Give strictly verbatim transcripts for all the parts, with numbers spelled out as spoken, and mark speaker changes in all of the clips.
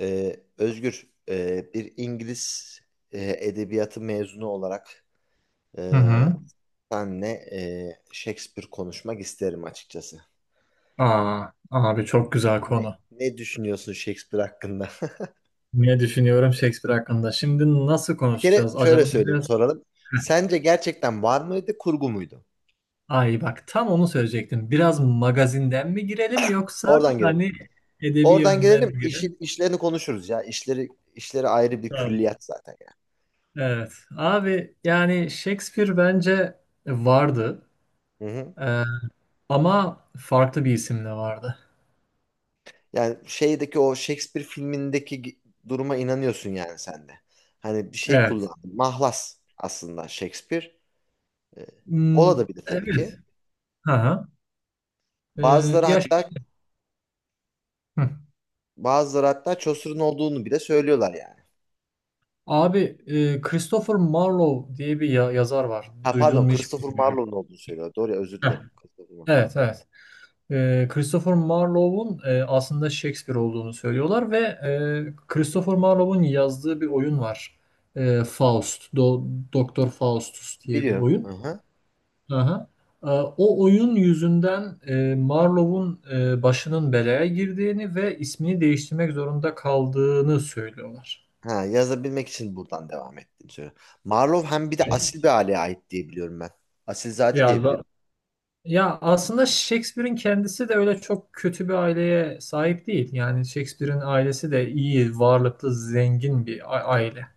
Speaker 1: Ee, Özgür, e, bir İngiliz e, edebiyatı mezunu olarak e,
Speaker 2: Hı hı.
Speaker 1: senle e, Shakespeare konuşmak isterim açıkçası.
Speaker 2: Aa, abi çok güzel
Speaker 1: Ne,
Speaker 2: konu.
Speaker 1: ne düşünüyorsun Shakespeare hakkında?
Speaker 2: Ne düşünüyorum Shakespeare hakkında? Şimdi nasıl
Speaker 1: Bir kere
Speaker 2: konuşacağız
Speaker 1: şöyle
Speaker 2: acaba?
Speaker 1: söyleyeyim,
Speaker 2: Biraz.
Speaker 1: soralım. Sence gerçekten var mıydı, kurgu muydu?
Speaker 2: Ay bak, tam onu söyleyecektim. Biraz magazinden mi girelim yoksa
Speaker 1: Oradan girelim.
Speaker 2: hani edebi
Speaker 1: Oradan
Speaker 2: yönden
Speaker 1: girelim,
Speaker 2: mi girelim?
Speaker 1: işi, işlerini konuşuruz ya. İşleri, işleri ayrı bir
Speaker 2: Tamam.
Speaker 1: külliyat zaten ya.
Speaker 2: Evet. Abi yani Shakespeare bence vardı.
Speaker 1: Hı hı.
Speaker 2: Ee, ama farklı bir isimle vardı.
Speaker 1: Yani şeydeki o Shakespeare filmindeki gi- duruma inanıyorsun yani sen de. Hani bir şey
Speaker 2: Evet.
Speaker 1: kullandın. Mahlas aslında Shakespeare. Ee,
Speaker 2: Hmm,
Speaker 1: ola da bir de tabii
Speaker 2: evet.
Speaker 1: ki.
Speaker 2: Hı hı. Ee,
Speaker 1: Bazıları
Speaker 2: Ya.
Speaker 1: hatta
Speaker 2: Hı.
Speaker 1: bazıları hatta Chaucer'ın olduğunu bile söylüyorlar yani.
Speaker 2: Abi, e, Christopher Marlowe diye bir ya- yazar var.
Speaker 1: Ha
Speaker 2: Duydun
Speaker 1: pardon
Speaker 2: mu hiç
Speaker 1: Christopher
Speaker 2: bilmiyorum.
Speaker 1: Marlowe'un olduğunu söylüyorlar. Doğru ya özür
Speaker 2: Heh,
Speaker 1: dilerim. Christopher Marlowe.
Speaker 2: evet evet. E, Christopher Marlowe'un e, aslında Shakespeare olduğunu söylüyorlar ve e, Christopher Marlowe'un yazdığı bir oyun var. E, Faust, Do- Doktor Faustus diye bir
Speaker 1: Biliyorum. Hı
Speaker 2: oyun.
Speaker 1: hı.
Speaker 2: Aha. E, o oyun yüzünden e, Marlowe'un e, başının belaya girdiğini ve ismini değiştirmek zorunda kaldığını söylüyorlar.
Speaker 1: Ha, yazabilmek için buradan devam ettiğini söylüyor. Marlowe hem bir de asil bir aileye ait diye biliyorum ben. Asilzade diye
Speaker 2: Yani.
Speaker 1: biliyorum.
Speaker 2: Ya aslında Shakespeare'in kendisi de öyle çok kötü bir aileye sahip değil. Yani Shakespeare'in ailesi de iyi, varlıklı, zengin bir a- aile.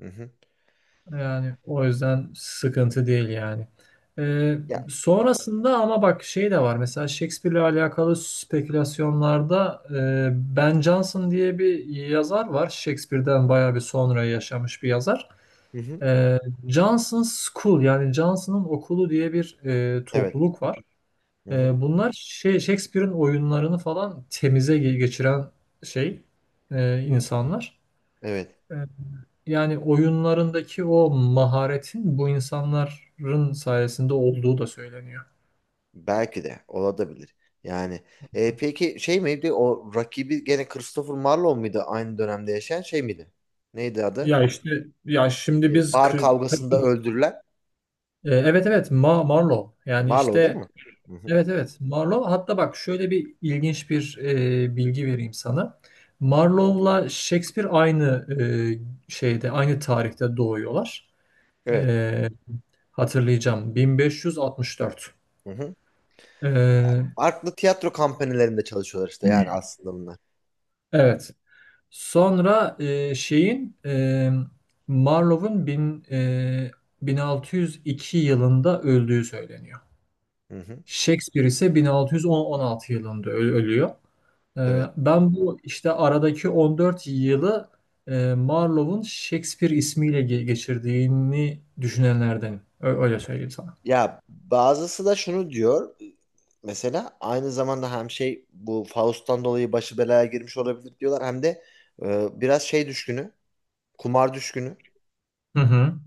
Speaker 1: Hı hı.
Speaker 2: Yani o yüzden sıkıntı değil yani. Ee,
Speaker 1: Ya.
Speaker 2: sonrasında ama bak şey de var. Mesela Shakespeare'le alakalı spekülasyonlarda e, Ben Jonson diye bir yazar var. Shakespeare'den bayağı bir sonra yaşamış bir yazar.
Speaker 1: Hı hı.
Speaker 2: Ee, Johnson's School, yani Johnson'ın okulu diye bir e,
Speaker 1: Evet.
Speaker 2: topluluk var.
Speaker 1: Hı hı.
Speaker 2: Ee, bunlar şey Shakespeare'in oyunlarını falan temize ge- geçiren şey e, insanlar.
Speaker 1: Evet.
Speaker 2: Ee, yani oyunlarındaki o maharetin bu insanların sayesinde olduğu da söyleniyor.
Speaker 1: Belki de olabilir. Yani e, peki şey miydi o rakibi gene Christopher Marlowe muydu aynı dönemde yaşayan şey miydi? Neydi adı?
Speaker 2: Ya işte, ya şimdi
Speaker 1: E,
Speaker 2: biz
Speaker 1: bar
Speaker 2: kri-
Speaker 1: kavgasında
Speaker 2: tabii.
Speaker 1: öldürülen
Speaker 2: Ee, evet evet, Ma Marlowe. Yani
Speaker 1: Marlowe değil
Speaker 2: işte,
Speaker 1: mi? Hı-hı.
Speaker 2: evet evet Marlowe. Hatta bak, şöyle bir ilginç bir e, bilgi vereyim sana. Marlowe'la Shakespeare aynı e, şeyde aynı tarihte doğuyorlar.
Speaker 1: Evet.
Speaker 2: Ee, Hatırlayacağım. bin beş yüz altmış dört.
Speaker 1: Hı-hı.
Speaker 2: Ee,
Speaker 1: Farklı tiyatro kampanyalarında çalışıyorlar işte yani aslında bunlar.
Speaker 2: evet. Sonra e, şeyin e, Marlowe'un bin, e, bin altı yüz iki yılında öldüğü söyleniyor.
Speaker 1: Hı-hı.
Speaker 2: Shakespeare ise bin altı yüz on altı yılında ö- ölüyor. Ee,
Speaker 1: Evet.
Speaker 2: ben bu işte aradaki on dört yılı e, Marlowe'un Shakespeare ismiyle ge- geçirdiğini düşünenlerdenim. Ö- öyle söyleyeyim sana.
Speaker 1: Ya bazısı da şunu diyor mesela aynı zamanda hem şey bu Faust'tan dolayı başı belaya girmiş olabilir diyorlar hem de e, biraz şey düşkünü kumar düşkünü.
Speaker 2: Hı hı.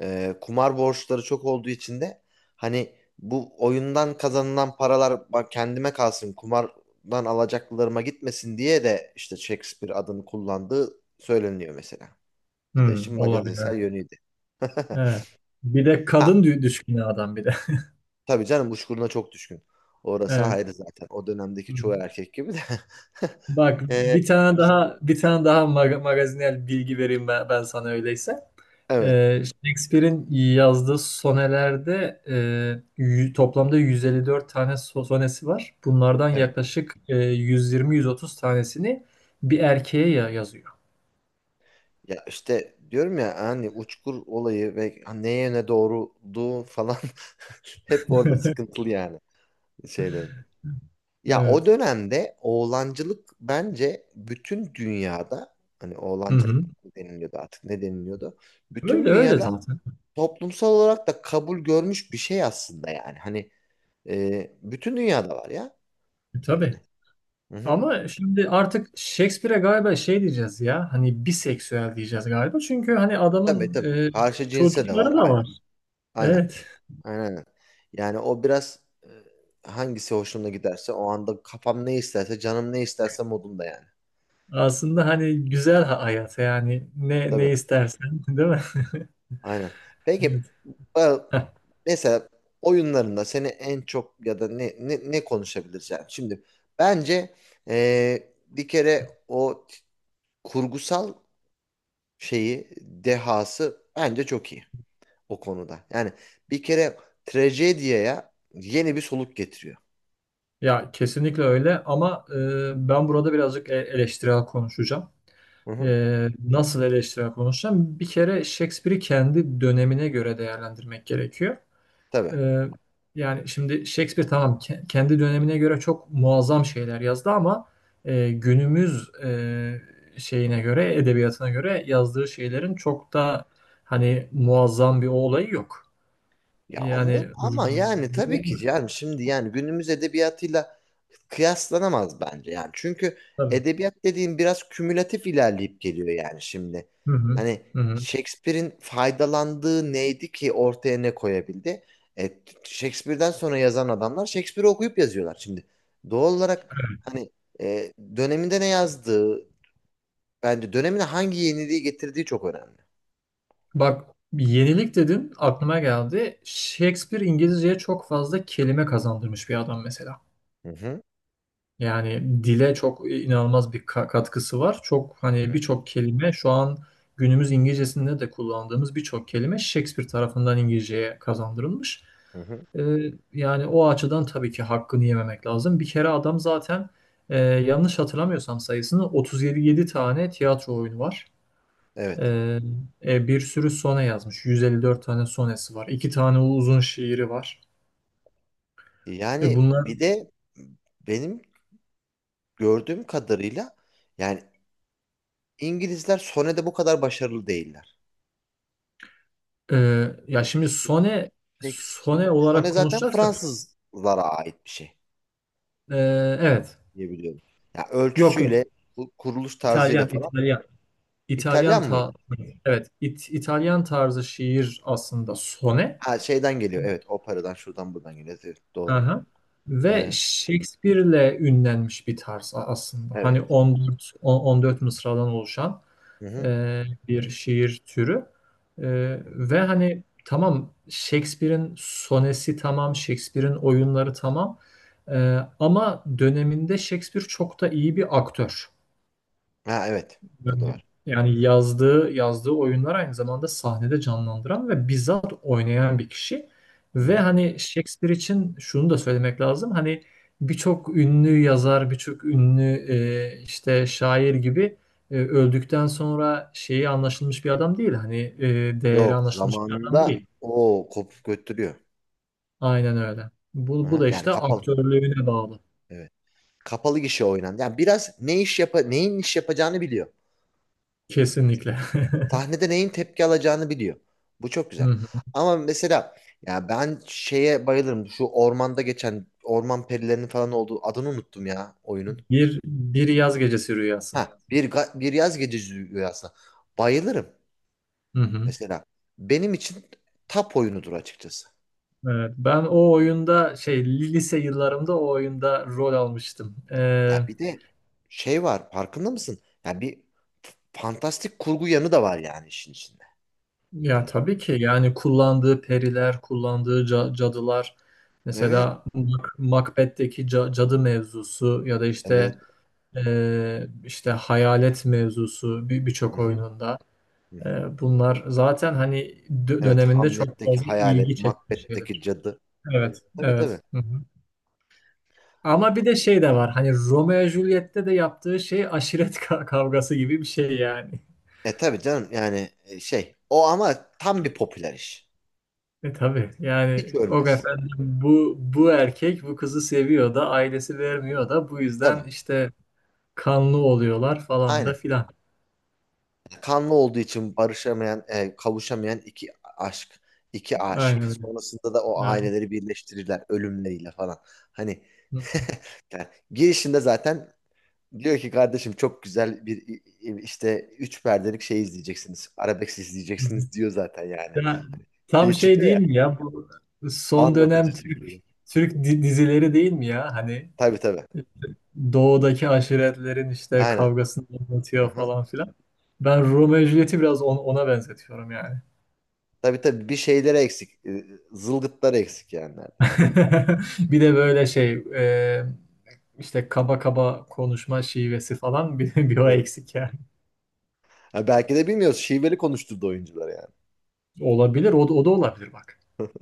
Speaker 1: Ee, kumar borçları çok olduğu için de hani bu oyundan kazanılan paralar bak kendime kalsın kumardan alacaklarıma gitmesin diye de işte Shakespeare adını kullandığı söyleniyor mesela. Bu da
Speaker 2: Hı,
Speaker 1: işin
Speaker 2: olabilir.
Speaker 1: magazinsel yönüydü.
Speaker 2: Evet. Bir de
Speaker 1: Ha,
Speaker 2: kadın dü- düşkünü adam bir de.
Speaker 1: tabii canım uçkuruna çok düşkün. Orası
Speaker 2: Evet.
Speaker 1: ayrı zaten. O
Speaker 2: Hı
Speaker 1: dönemdeki çoğu
Speaker 2: hı.
Speaker 1: erkek gibi de.
Speaker 2: Bak,
Speaker 1: Ee,
Speaker 2: bir tane
Speaker 1: işte,
Speaker 2: daha bir tane daha mag- magazinel bilgi vereyim ben, ben sana öyleyse.
Speaker 1: evet.
Speaker 2: Ee, Shakespeare'in yazdığı sonelerde e, yü- toplamda yüz elli dört tane so- sonesi var. Bunlardan
Speaker 1: Evet.
Speaker 2: yaklaşık e, yüz yirmi yüz otuz tanesini bir erkeğe ya- yazıyor.
Speaker 1: Ya işte diyorum ya hani uçkur olayı ve neye ne doğruluğu falan hep orada sıkıntılı yani şeylerin. Ya o
Speaker 2: Evet.
Speaker 1: dönemde oğlancılık bence bütün dünyada hani
Speaker 2: Hı hı.
Speaker 1: oğlancılık mı deniliyordu artık ne deniliyordu? Bütün
Speaker 2: Öyle öyle
Speaker 1: dünyada
Speaker 2: zaten.
Speaker 1: toplumsal olarak da kabul görmüş bir şey aslında yani. Hani e, bütün dünyada var ya
Speaker 2: E, Tabii.
Speaker 1: yani. Hı hı.
Speaker 2: Ama şimdi artık Shakespeare'e galiba şey diyeceğiz ya, hani biseksüel diyeceğiz galiba. Çünkü hani
Speaker 1: Tabii
Speaker 2: adamın
Speaker 1: tabii.
Speaker 2: e,
Speaker 1: Karşı cinse de var
Speaker 2: çocukları da.
Speaker 1: aynen. Aynen.
Speaker 2: Evet.
Speaker 1: Aynen. Yani o biraz e, hangisi hoşuna giderse o anda kafam ne isterse canım ne isterse modumda yani.
Speaker 2: Aslında hani güzel ha- hayat yani, ne ne
Speaker 1: Tabii.
Speaker 2: istersen, değil mi?
Speaker 1: Aynen. Peki
Speaker 2: Evet.
Speaker 1: e,
Speaker 2: Heh.
Speaker 1: mesela oyunlarında seni en çok ya da ne ne, ne konuşabiliriz yani? Şimdi bence e, bir kere o t- kurgusal şeyi dehası bence çok iyi o konuda. Yani bir kere trajediyaya yeni bir soluk getiriyor.
Speaker 2: Ya kesinlikle öyle ama e, ben burada birazcık e- eleştirel konuşacağım.
Speaker 1: Hı hı.
Speaker 2: E, nasıl eleştirel konuşacağım? Bir kere Shakespeare'i kendi dönemine göre değerlendirmek gerekiyor.
Speaker 1: Tabii.
Speaker 2: Ee, yani şimdi Shakespeare tamam, ke- kendi dönemine göre çok muazzam şeyler yazdı ama e, günümüz e, şeyine göre, edebiyatına göre yazdığı şeylerin çok da hani muazzam bir olayı yok.
Speaker 1: Ya ama,
Speaker 2: Yani
Speaker 1: ama yani tabii ki yani şimdi yani günümüz edebiyatıyla kıyaslanamaz bence yani. Çünkü
Speaker 2: tabii.
Speaker 1: edebiyat dediğin biraz kümülatif ilerleyip geliyor yani şimdi.
Speaker 2: Hı hı.
Speaker 1: Hani
Speaker 2: Hı hı.
Speaker 1: Shakespeare'in faydalandığı neydi ki ortaya ne koyabildi? E, Shakespeare'den sonra yazan adamlar Shakespeare'i okuyup yazıyorlar şimdi. Doğal olarak hani e, döneminde ne yazdığı bence dönemine hangi yeniliği getirdiği çok önemli.
Speaker 2: Bak, yenilik dedin aklıma geldi. Shakespeare İngilizceye çok fazla kelime kazandırmış bir adam mesela.
Speaker 1: Hı hı.
Speaker 2: Yani dile çok inanılmaz bir ka- katkısı var. Çok hani
Speaker 1: Evet.
Speaker 2: birçok kelime şu an günümüz İngilizcesinde de kullandığımız birçok kelime Shakespeare tarafından İngilizceye kazandırılmış.
Speaker 1: Hı hı.
Speaker 2: Ee, yani o açıdan tabii ki hakkını yememek lazım. Bir kere adam zaten e, yanlış hatırlamıyorsam sayısını otuz yedi tane tiyatro oyunu var.
Speaker 1: Evet.
Speaker 2: Ee, e, bir sürü sone yazmış. yüz elli dört tane sonesi var. İki tane uzun şiiri var. E
Speaker 1: Yani
Speaker 2: bunlar
Speaker 1: bir de benim gördüğüm kadarıyla yani İngilizler Sone'de bu kadar başarılı değiller.
Speaker 2: e, ya şimdi sone
Speaker 1: Shakespeare-
Speaker 2: sone
Speaker 1: Sone
Speaker 2: olarak
Speaker 1: zaten
Speaker 2: konuşacaksak,
Speaker 1: Fransızlara ait bir şey
Speaker 2: Ee, evet.
Speaker 1: diye biliyorum. Ya
Speaker 2: Yok yok.
Speaker 1: ölçüsüyle, bu kuruluş tarzıyla
Speaker 2: İtalyan,
Speaker 1: falan
Speaker 2: İtalyan. İtalyan
Speaker 1: İtalyan
Speaker 2: ta
Speaker 1: mıydı?
Speaker 2: evet, İt- İtalyan tarzı şiir aslında sone.
Speaker 1: Ha şeyden geliyor. Evet, operadan şuradan buradan geliyor. Evet, doğru.
Speaker 2: Aha. Ve
Speaker 1: Ee,
Speaker 2: Shakespeare'le ünlenmiş bir tarz a- aslında.
Speaker 1: evet.
Speaker 2: Hani on dört on- 14 mısradan oluşan
Speaker 1: Hı hı.
Speaker 2: e, bir şiir türü. E,
Speaker 1: Hı.
Speaker 2: ve hani tamam, Shakespeare'in sonesi tamam, Shakespeare'in oyunları tamam. E, ama döneminde Shakespeare çok da iyi bir aktör.
Speaker 1: Ha evet. Bu da
Speaker 2: Yani
Speaker 1: var.
Speaker 2: yani yazdığı yazdığı oyunlar aynı zamanda sahnede canlandıran ve bizzat oynayan bir kişi.
Speaker 1: Hı
Speaker 2: Ve
Speaker 1: hı.
Speaker 2: hani Shakespeare için şunu da söylemek lazım. Hani birçok ünlü yazar, birçok ünlü e, işte şair gibi e, öldükten sonra şeyi anlaşılmış bir adam değil. Hani e, değeri
Speaker 1: Yok,
Speaker 2: anlaşılmış bir adam
Speaker 1: zamanında
Speaker 2: değil.
Speaker 1: o kopup götürüyor.
Speaker 2: Aynen öyle.
Speaker 1: Hı
Speaker 2: Bu, bu
Speaker 1: hı.
Speaker 2: da
Speaker 1: Yani
Speaker 2: işte
Speaker 1: kapalı.
Speaker 2: aktörlüğüne bağlı.
Speaker 1: Evet. Kapalı gişe oynandı. Yani biraz ne iş yapa neyin iş yapacağını biliyor.
Speaker 2: Kesinlikle.
Speaker 1: Sahnede neyin tepki alacağını biliyor. Bu çok
Speaker 2: Hı
Speaker 1: güzel.
Speaker 2: hı.
Speaker 1: Ama mesela ya ben şeye bayılırım. Şu ormanda geçen orman perilerinin falan olduğu adını unuttum ya oyunun.
Speaker 2: Bir bir yaz gecesi rüyası.
Speaker 1: Ha bir ga- bir yaz gecesi rüyasına. Bayılırım
Speaker 2: Hı hı.
Speaker 1: mesela. Benim için tap oyunudur açıkçası.
Speaker 2: Evet, ben o oyunda şey lise yıllarımda o oyunda rol almıştım. Ee,
Speaker 1: Ya bir de şey var farkında mısın? Ya bir f- fantastik kurgu yanı da var yani işin içinde.
Speaker 2: ya
Speaker 1: Hani
Speaker 2: tabii ki yani kullandığı periler, kullandığı ca- cadılar,
Speaker 1: evet
Speaker 2: mesela Mac- Macbeth'teki ca- cadı mevzusu ya da
Speaker 1: evet.
Speaker 2: işte e, işte hayalet mevzusu bir
Speaker 1: Hı
Speaker 2: birçok
Speaker 1: hı.
Speaker 2: oyununda.
Speaker 1: Hı hı.
Speaker 2: Ee, bunlar zaten hani dö-
Speaker 1: Evet,
Speaker 2: döneminde çok
Speaker 1: Hamlet'teki
Speaker 2: fazla ilgi
Speaker 1: hayalet,
Speaker 2: çekmiş
Speaker 1: Macbeth'teki
Speaker 2: şeyler.
Speaker 1: cadı.
Speaker 2: Evet,
Speaker 1: Tabii tabii.
Speaker 2: evet. Hı hı. Ama bir de şey de var. Hani Romeo ve Juliet'te de yaptığı şey aşiret ka- kavgası gibi bir şey yani.
Speaker 1: E tabii canım yani e, şey o ama tam bir popüler iş.
Speaker 2: E tabii
Speaker 1: Hiç
Speaker 2: yani o
Speaker 1: ölmez.
Speaker 2: efendim, bu bu erkek bu kızı seviyor da ailesi vermiyor da bu yüzden
Speaker 1: Tabii.
Speaker 2: işte kanlı oluyorlar falan da
Speaker 1: Aynen.
Speaker 2: filan.
Speaker 1: Kanlı olduğu için barışamayan, e, kavuşamayan iki aşk, iki
Speaker 2: Aynen
Speaker 1: aşık.
Speaker 2: öyle.
Speaker 1: Sonrasında da o
Speaker 2: Aynen.
Speaker 1: aileleri birleştirirler ölümleriyle falan. Hani
Speaker 2: Hı
Speaker 1: yani girişinde zaten diyor ki kardeşim çok güzel bir i- i- işte üç perdelik şey izleyeceksiniz. Arabesk
Speaker 2: hı.
Speaker 1: izleyeceksiniz diyor zaten yani.
Speaker 2: Ya,
Speaker 1: Hani
Speaker 2: tam
Speaker 1: Şey
Speaker 2: şey
Speaker 1: çıkıyor ya.
Speaker 2: değil mi ya, bu son
Speaker 1: Anlatıcı
Speaker 2: dönem Türk
Speaker 1: çıkıyordu.
Speaker 2: Türk di- dizileri değil mi ya, hani
Speaker 1: Tabii tabii.
Speaker 2: doğudaki aşiretlerin işte
Speaker 1: Aynen.
Speaker 2: kavgasını anlatıyor
Speaker 1: Aha.
Speaker 2: falan filan. Ben Romeo ve Juliet'i biraz on- ona benzetiyorum yani.
Speaker 1: Tabii tabii bir şeyleri eksik. Ee, Zılgıtları eksik yani neredeyse.
Speaker 2: Bir de böyle şey e, işte kaba kaba konuşma şivesi falan, bir, bir o
Speaker 1: Evet.
Speaker 2: eksik yani.
Speaker 1: Ha, belki de bilmiyoruz. Şiveli konuşturdu oyuncuları yani.
Speaker 2: Olabilir, o, da- o da olabilir bak.